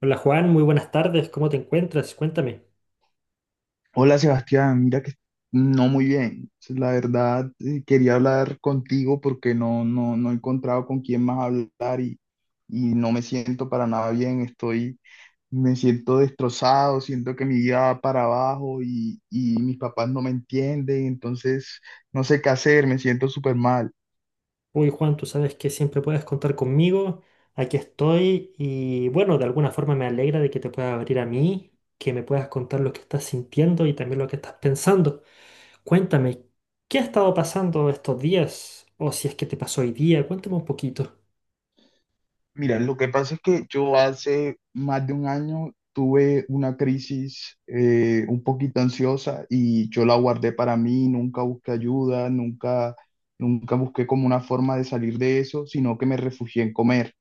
Hola Juan, muy buenas tardes, ¿cómo te encuentras? Cuéntame. Hola Sebastián, mira que no muy bien. La verdad, quería hablar contigo porque no he encontrado con quién más hablar y no me siento para nada bien. Me siento destrozado, siento que mi vida va para abajo y mis papás no me entienden, entonces no sé qué hacer, me siento súper mal. Uy Juan, tú sabes que siempre puedes contar conmigo, aquí estoy y bueno, de alguna forma me alegra de que te puedas abrir a mí, que me puedas contar lo que estás sintiendo y también lo que estás pensando. Cuéntame, ¿qué ha estado pasando estos días? O si es que te pasó hoy día, cuéntame un poquito. Mira, lo que pasa es que yo hace más de un año tuve una crisis un poquito ansiosa y yo la guardé para mí, nunca busqué ayuda, nunca busqué como una forma de salir de eso, sino que me refugié en comer.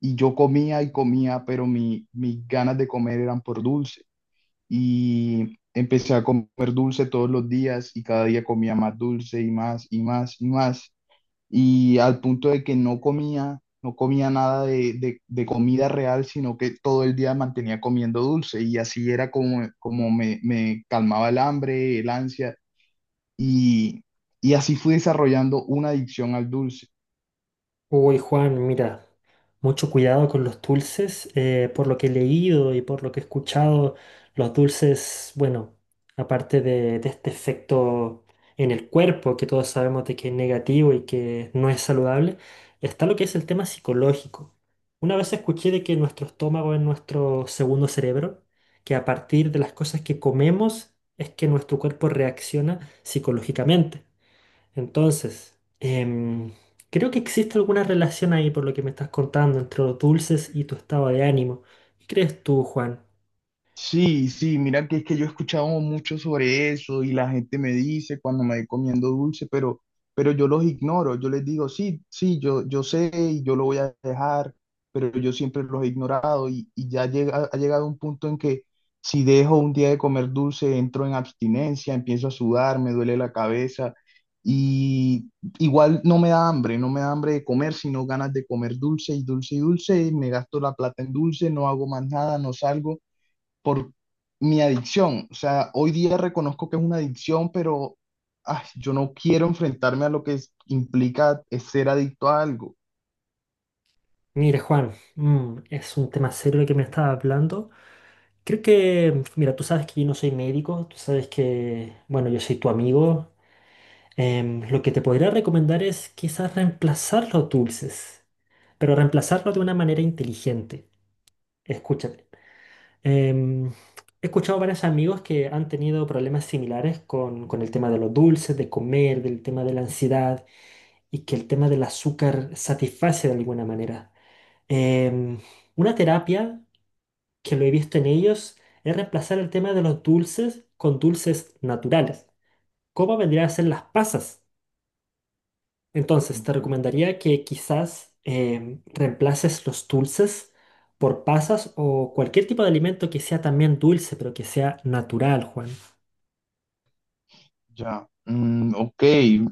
Y yo comía y comía, pero mis ganas de comer eran por dulce. Y empecé a comer dulce todos los días y cada día comía más dulce y más y más y más y al punto de que no comía nada de comida real, sino que todo el día mantenía comiendo dulce y así era como me calmaba el hambre, el ansia y, y así fui desarrollando una adicción al dulce. Uy, Juan, mira, mucho cuidado con los dulces. Por lo que he leído y por lo que he escuchado, los dulces, bueno, aparte de este efecto en el cuerpo, que todos sabemos de que es negativo y que no es saludable, está lo que es el tema psicológico. Una vez escuché de que nuestro estómago es nuestro segundo cerebro, que a partir de las cosas que comemos es que nuestro cuerpo reacciona psicológicamente. Entonces, creo que existe alguna relación ahí por lo que me estás contando entre los dulces y tu estado de ánimo. ¿Qué crees tú, Juan? Sí, sí, mira que es que yo he escuchado mucho sobre eso y la gente me dice cuando me voy comiendo dulce, pero yo los ignoro, yo les digo, sí, sí, yo sé y yo lo voy a dejar, pero yo siempre los he ignorado y ha llegado un punto en que si dejo un día de comer dulce, entro en abstinencia, empiezo a sudar, me duele la cabeza y igual no me da hambre, no me da hambre de comer, sino ganas de comer dulce y dulce y dulce, y me gasto la plata en dulce, no hago más nada, no salgo por mi adicción. O sea, hoy día reconozco que es una adicción, pero ay, yo no quiero enfrentarme a lo que implica es ser adicto a algo. Mira, Juan, mm, es un tema serio el que me estás hablando. Creo que, mira, tú sabes que yo no soy médico, tú sabes que, bueno, yo soy tu amigo. Lo que te podría recomendar es quizás reemplazar los dulces, pero reemplazarlo de una manera inteligente. Escúchame. Em, He escuchado varios amigos que han tenido problemas similares con el tema de los dulces, de comer, del tema de la ansiedad y que el tema del azúcar satisface de alguna manera. Em, una terapia que lo he visto en ellos es reemplazar el tema de los dulces con dulces naturales. ¿Cómo vendrían a ser las pasas? Entonces, te Ujú. recomendaría que quizás reemplaces los dulces por pasas o cualquier tipo de alimento que sea también dulce, pero que sea natural, Juan. Ya, mm, ok,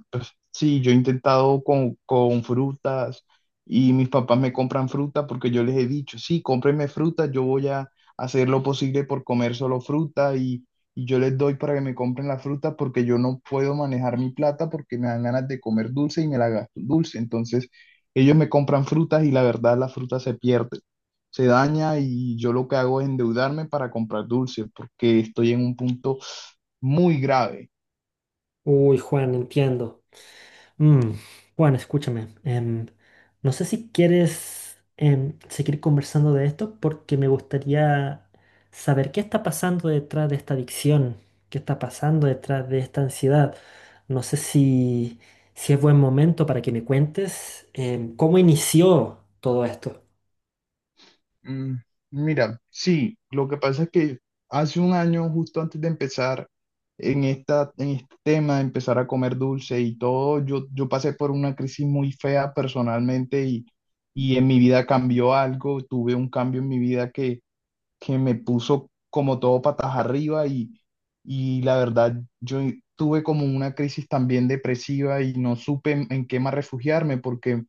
pues sí, yo he intentado con frutas y mis papás me compran fruta porque yo les he dicho, sí, cómprenme fruta, yo voy a hacer lo posible por comer solo fruta, y yo les doy para que me compren la fruta porque yo no puedo manejar mi plata porque me dan ganas de comer dulce y me la gasto en dulce. Entonces, ellos me compran frutas y la verdad la fruta se pierde, se daña y yo lo que hago es endeudarme para comprar dulce porque estoy en un punto muy grave. Uy, Juan, entiendo. Mm, Juan, escúchame. No sé si quieres seguir conversando de esto porque me gustaría saber qué está pasando detrás de esta adicción, qué está pasando detrás de esta ansiedad. No sé si es buen momento para que me cuentes cómo inició todo esto. Mm, mira, sí, lo que pasa es que hace un año, justo antes de empezar en en este tema de empezar a comer dulce y todo, yo pasé por una crisis muy fea personalmente y en mi vida cambió algo, tuve un cambio en mi vida que me puso como todo patas arriba y la verdad, yo tuve como una crisis también depresiva y no supe en qué más refugiarme porque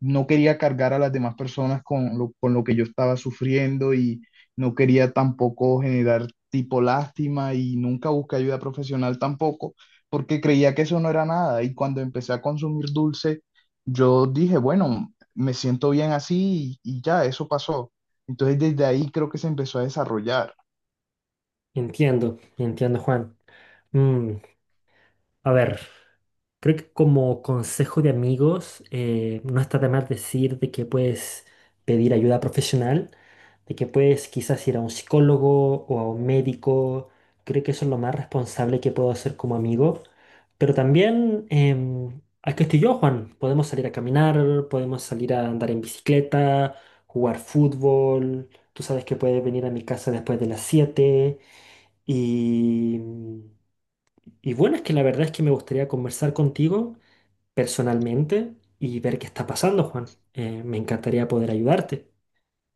no quería cargar a las demás personas con con lo que yo estaba sufriendo y no quería tampoco generar tipo lástima y nunca busqué ayuda profesional tampoco, porque creía que eso no era nada. Y cuando empecé a consumir dulce, yo dije, bueno, me siento bien así y ya, eso pasó. Entonces desde ahí creo que se empezó a desarrollar. Entiendo, entiendo, Juan. Mm, a ver, creo que como consejo de amigos, no está de más decir de que puedes pedir ayuda profesional, de que puedes quizás ir a un psicólogo o a un médico. Creo que eso es lo más responsable que puedo hacer como amigo. Pero también, aquí estoy yo, Juan. Podemos salir a caminar, podemos salir a andar en bicicleta, jugar fútbol. Tú sabes que puedes venir a mi casa después de las 7 y... Y bueno, es que la verdad es que me gustaría conversar contigo personalmente y ver qué está pasando, Juan. Me encantaría poder ayudarte.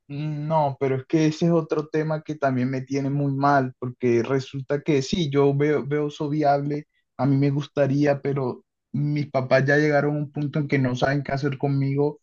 No, pero es que ese es otro tema que también me tiene muy mal, porque resulta que sí, veo eso viable, a mí me gustaría, pero mis papás ya llegaron a un punto en que no saben qué hacer conmigo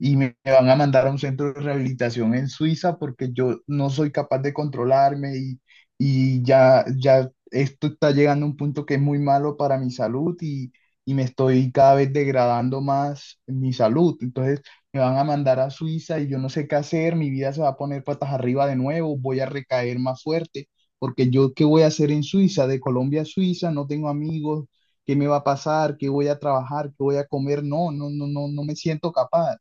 y me van a mandar a un centro de rehabilitación en Suiza porque yo no soy capaz de controlarme y ya esto está llegando a un punto que es muy malo para mi salud y me estoy cada vez degradando más mi salud. Entonces me van a mandar a Suiza y yo no sé qué hacer, mi vida se va a poner patas arriba de nuevo, voy a recaer más fuerte, porque yo qué voy a hacer en Suiza, de Colombia a Suiza, no tengo amigos. ¿Qué me va a pasar? ¿Qué voy a trabajar? ¿Qué voy a comer? No, no, no, no, no me siento capaz.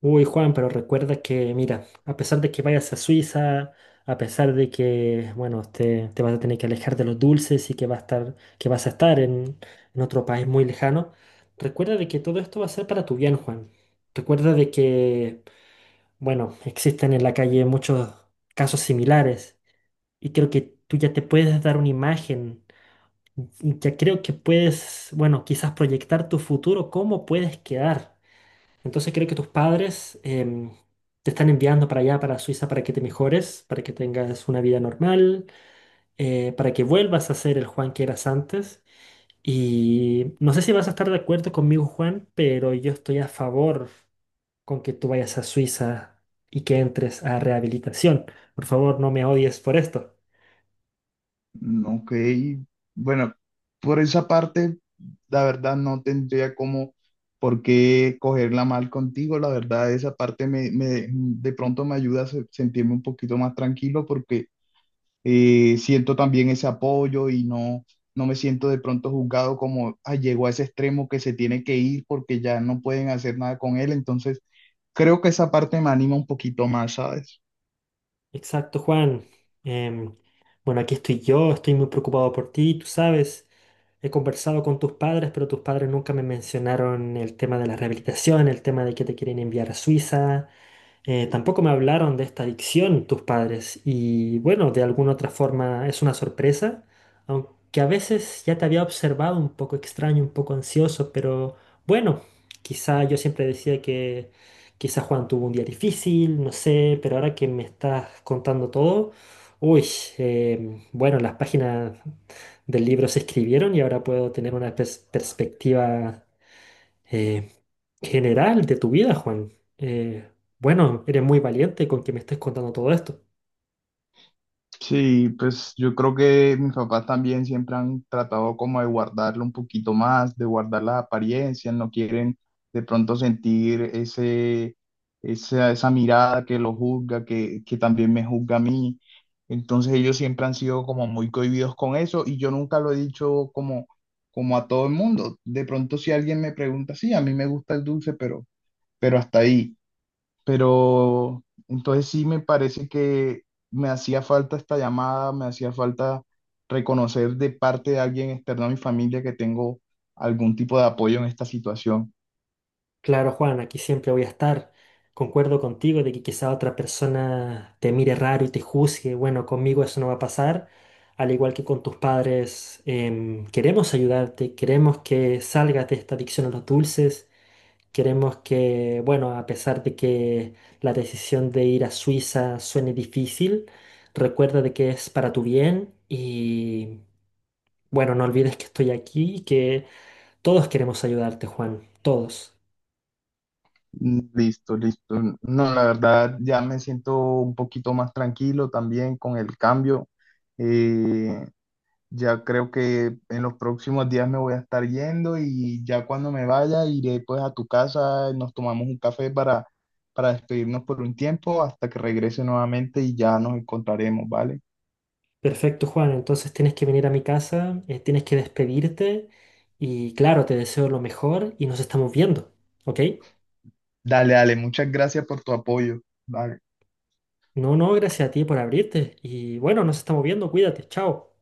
Uy, Juan, pero recuerda que, mira, a pesar de que vayas a Suiza, a pesar de que, bueno, te vas a tener que alejar de los dulces y que, va a estar, que vas a estar en otro país muy lejano, recuerda de que todo esto va a ser para tu bien, Juan. Recuerda de que, bueno, existen en la calle muchos casos similares y creo que tú ya te puedes dar una imagen ya creo que puedes, bueno, quizás proyectar tu futuro, cómo puedes quedar. Entonces creo que tus padres te están enviando para allá, para Suiza, para que te mejores, para que tengas una vida normal, para que vuelvas a ser el Juan que eras antes. Y no sé si vas a estar de acuerdo conmigo, Juan, pero yo estoy a favor con que tú vayas a Suiza y que entres a rehabilitación. Por favor, no me odies por esto. Mm, ok, bueno, por esa parte, la verdad no tendría como por qué cogerla mal contigo, la verdad esa parte de pronto me ayuda a sentirme un poquito más tranquilo porque siento también ese apoyo y no me siento de pronto juzgado como, "Ay, llegó a ese extremo que se tiene que ir porque ya no pueden hacer nada con él". Entonces, creo que esa parte me anima un poquito más, ¿sabes? Exacto, Juan. Em, bueno, aquí estoy yo, estoy muy preocupado por ti, tú sabes. He conversado con tus padres, pero tus padres nunca me mencionaron el tema de la rehabilitación, el tema de que te quieren enviar a Suiza. Tampoco me hablaron de esta adicción tus padres y bueno, de alguna otra forma es una sorpresa, aunque a veces ya te había observado un poco extraño, un poco ansioso, pero bueno, quizá yo siempre decía que quizá Juan tuvo un día difícil, no sé, pero ahora que me estás contando todo, uy, bueno, las páginas del libro se escribieron y ahora puedo tener una perspectiva eh, general de tu vida, Juan. Bueno, eres muy valiente con que me estés contando todo esto. Sí, pues yo creo que mis papás también siempre han tratado como de guardarlo un poquito más, de guardar las apariencias, no quieren de pronto sentir esa mirada que lo juzga, que también me juzga a mí. Entonces ellos siempre han sido como muy cohibidos con eso y yo nunca lo he dicho como a todo el mundo. De pronto si alguien me pregunta, sí, a mí me gusta el dulce, pero hasta ahí. Pero entonces sí me parece que me hacía falta esta llamada, me hacía falta reconocer de parte de alguien externo a mi familia que tengo algún tipo de apoyo en esta situación. Claro, Juan, aquí siempre voy a estar. Concuerdo contigo de que quizá otra persona te mire raro y te juzgue. Bueno, conmigo eso no va a pasar. Al igual que con tus padres, queremos ayudarte, queremos que salgas de esta adicción a los dulces. Queremos que, bueno, a pesar de que la decisión de ir a Suiza suene difícil, recuerda de que es para tu bien y, bueno, no olvides que estoy aquí y que todos queremos ayudarte, Juan, todos. Mm, listo, listo. No, la verdad ya me siento un poquito más tranquilo también con el cambio. Eh, Ya creo que en los próximos días me voy a estar yendo y ya cuando me vaya iré pues a tu casa, nos tomamos un café para despedirnos por un tiempo hasta que regrese nuevamente y ya nos encontraremos, ¿vale? Perfecto, Juan. Entonces tienes que venir a mi casa, tienes que despedirte y claro, te deseo lo mejor y nos estamos viendo, ¿ok? Dale, dale, muchas gracias por tu apoyo. Vale. No, no, gracias a ti por abrirte y bueno, nos estamos viendo, cuídate, chao.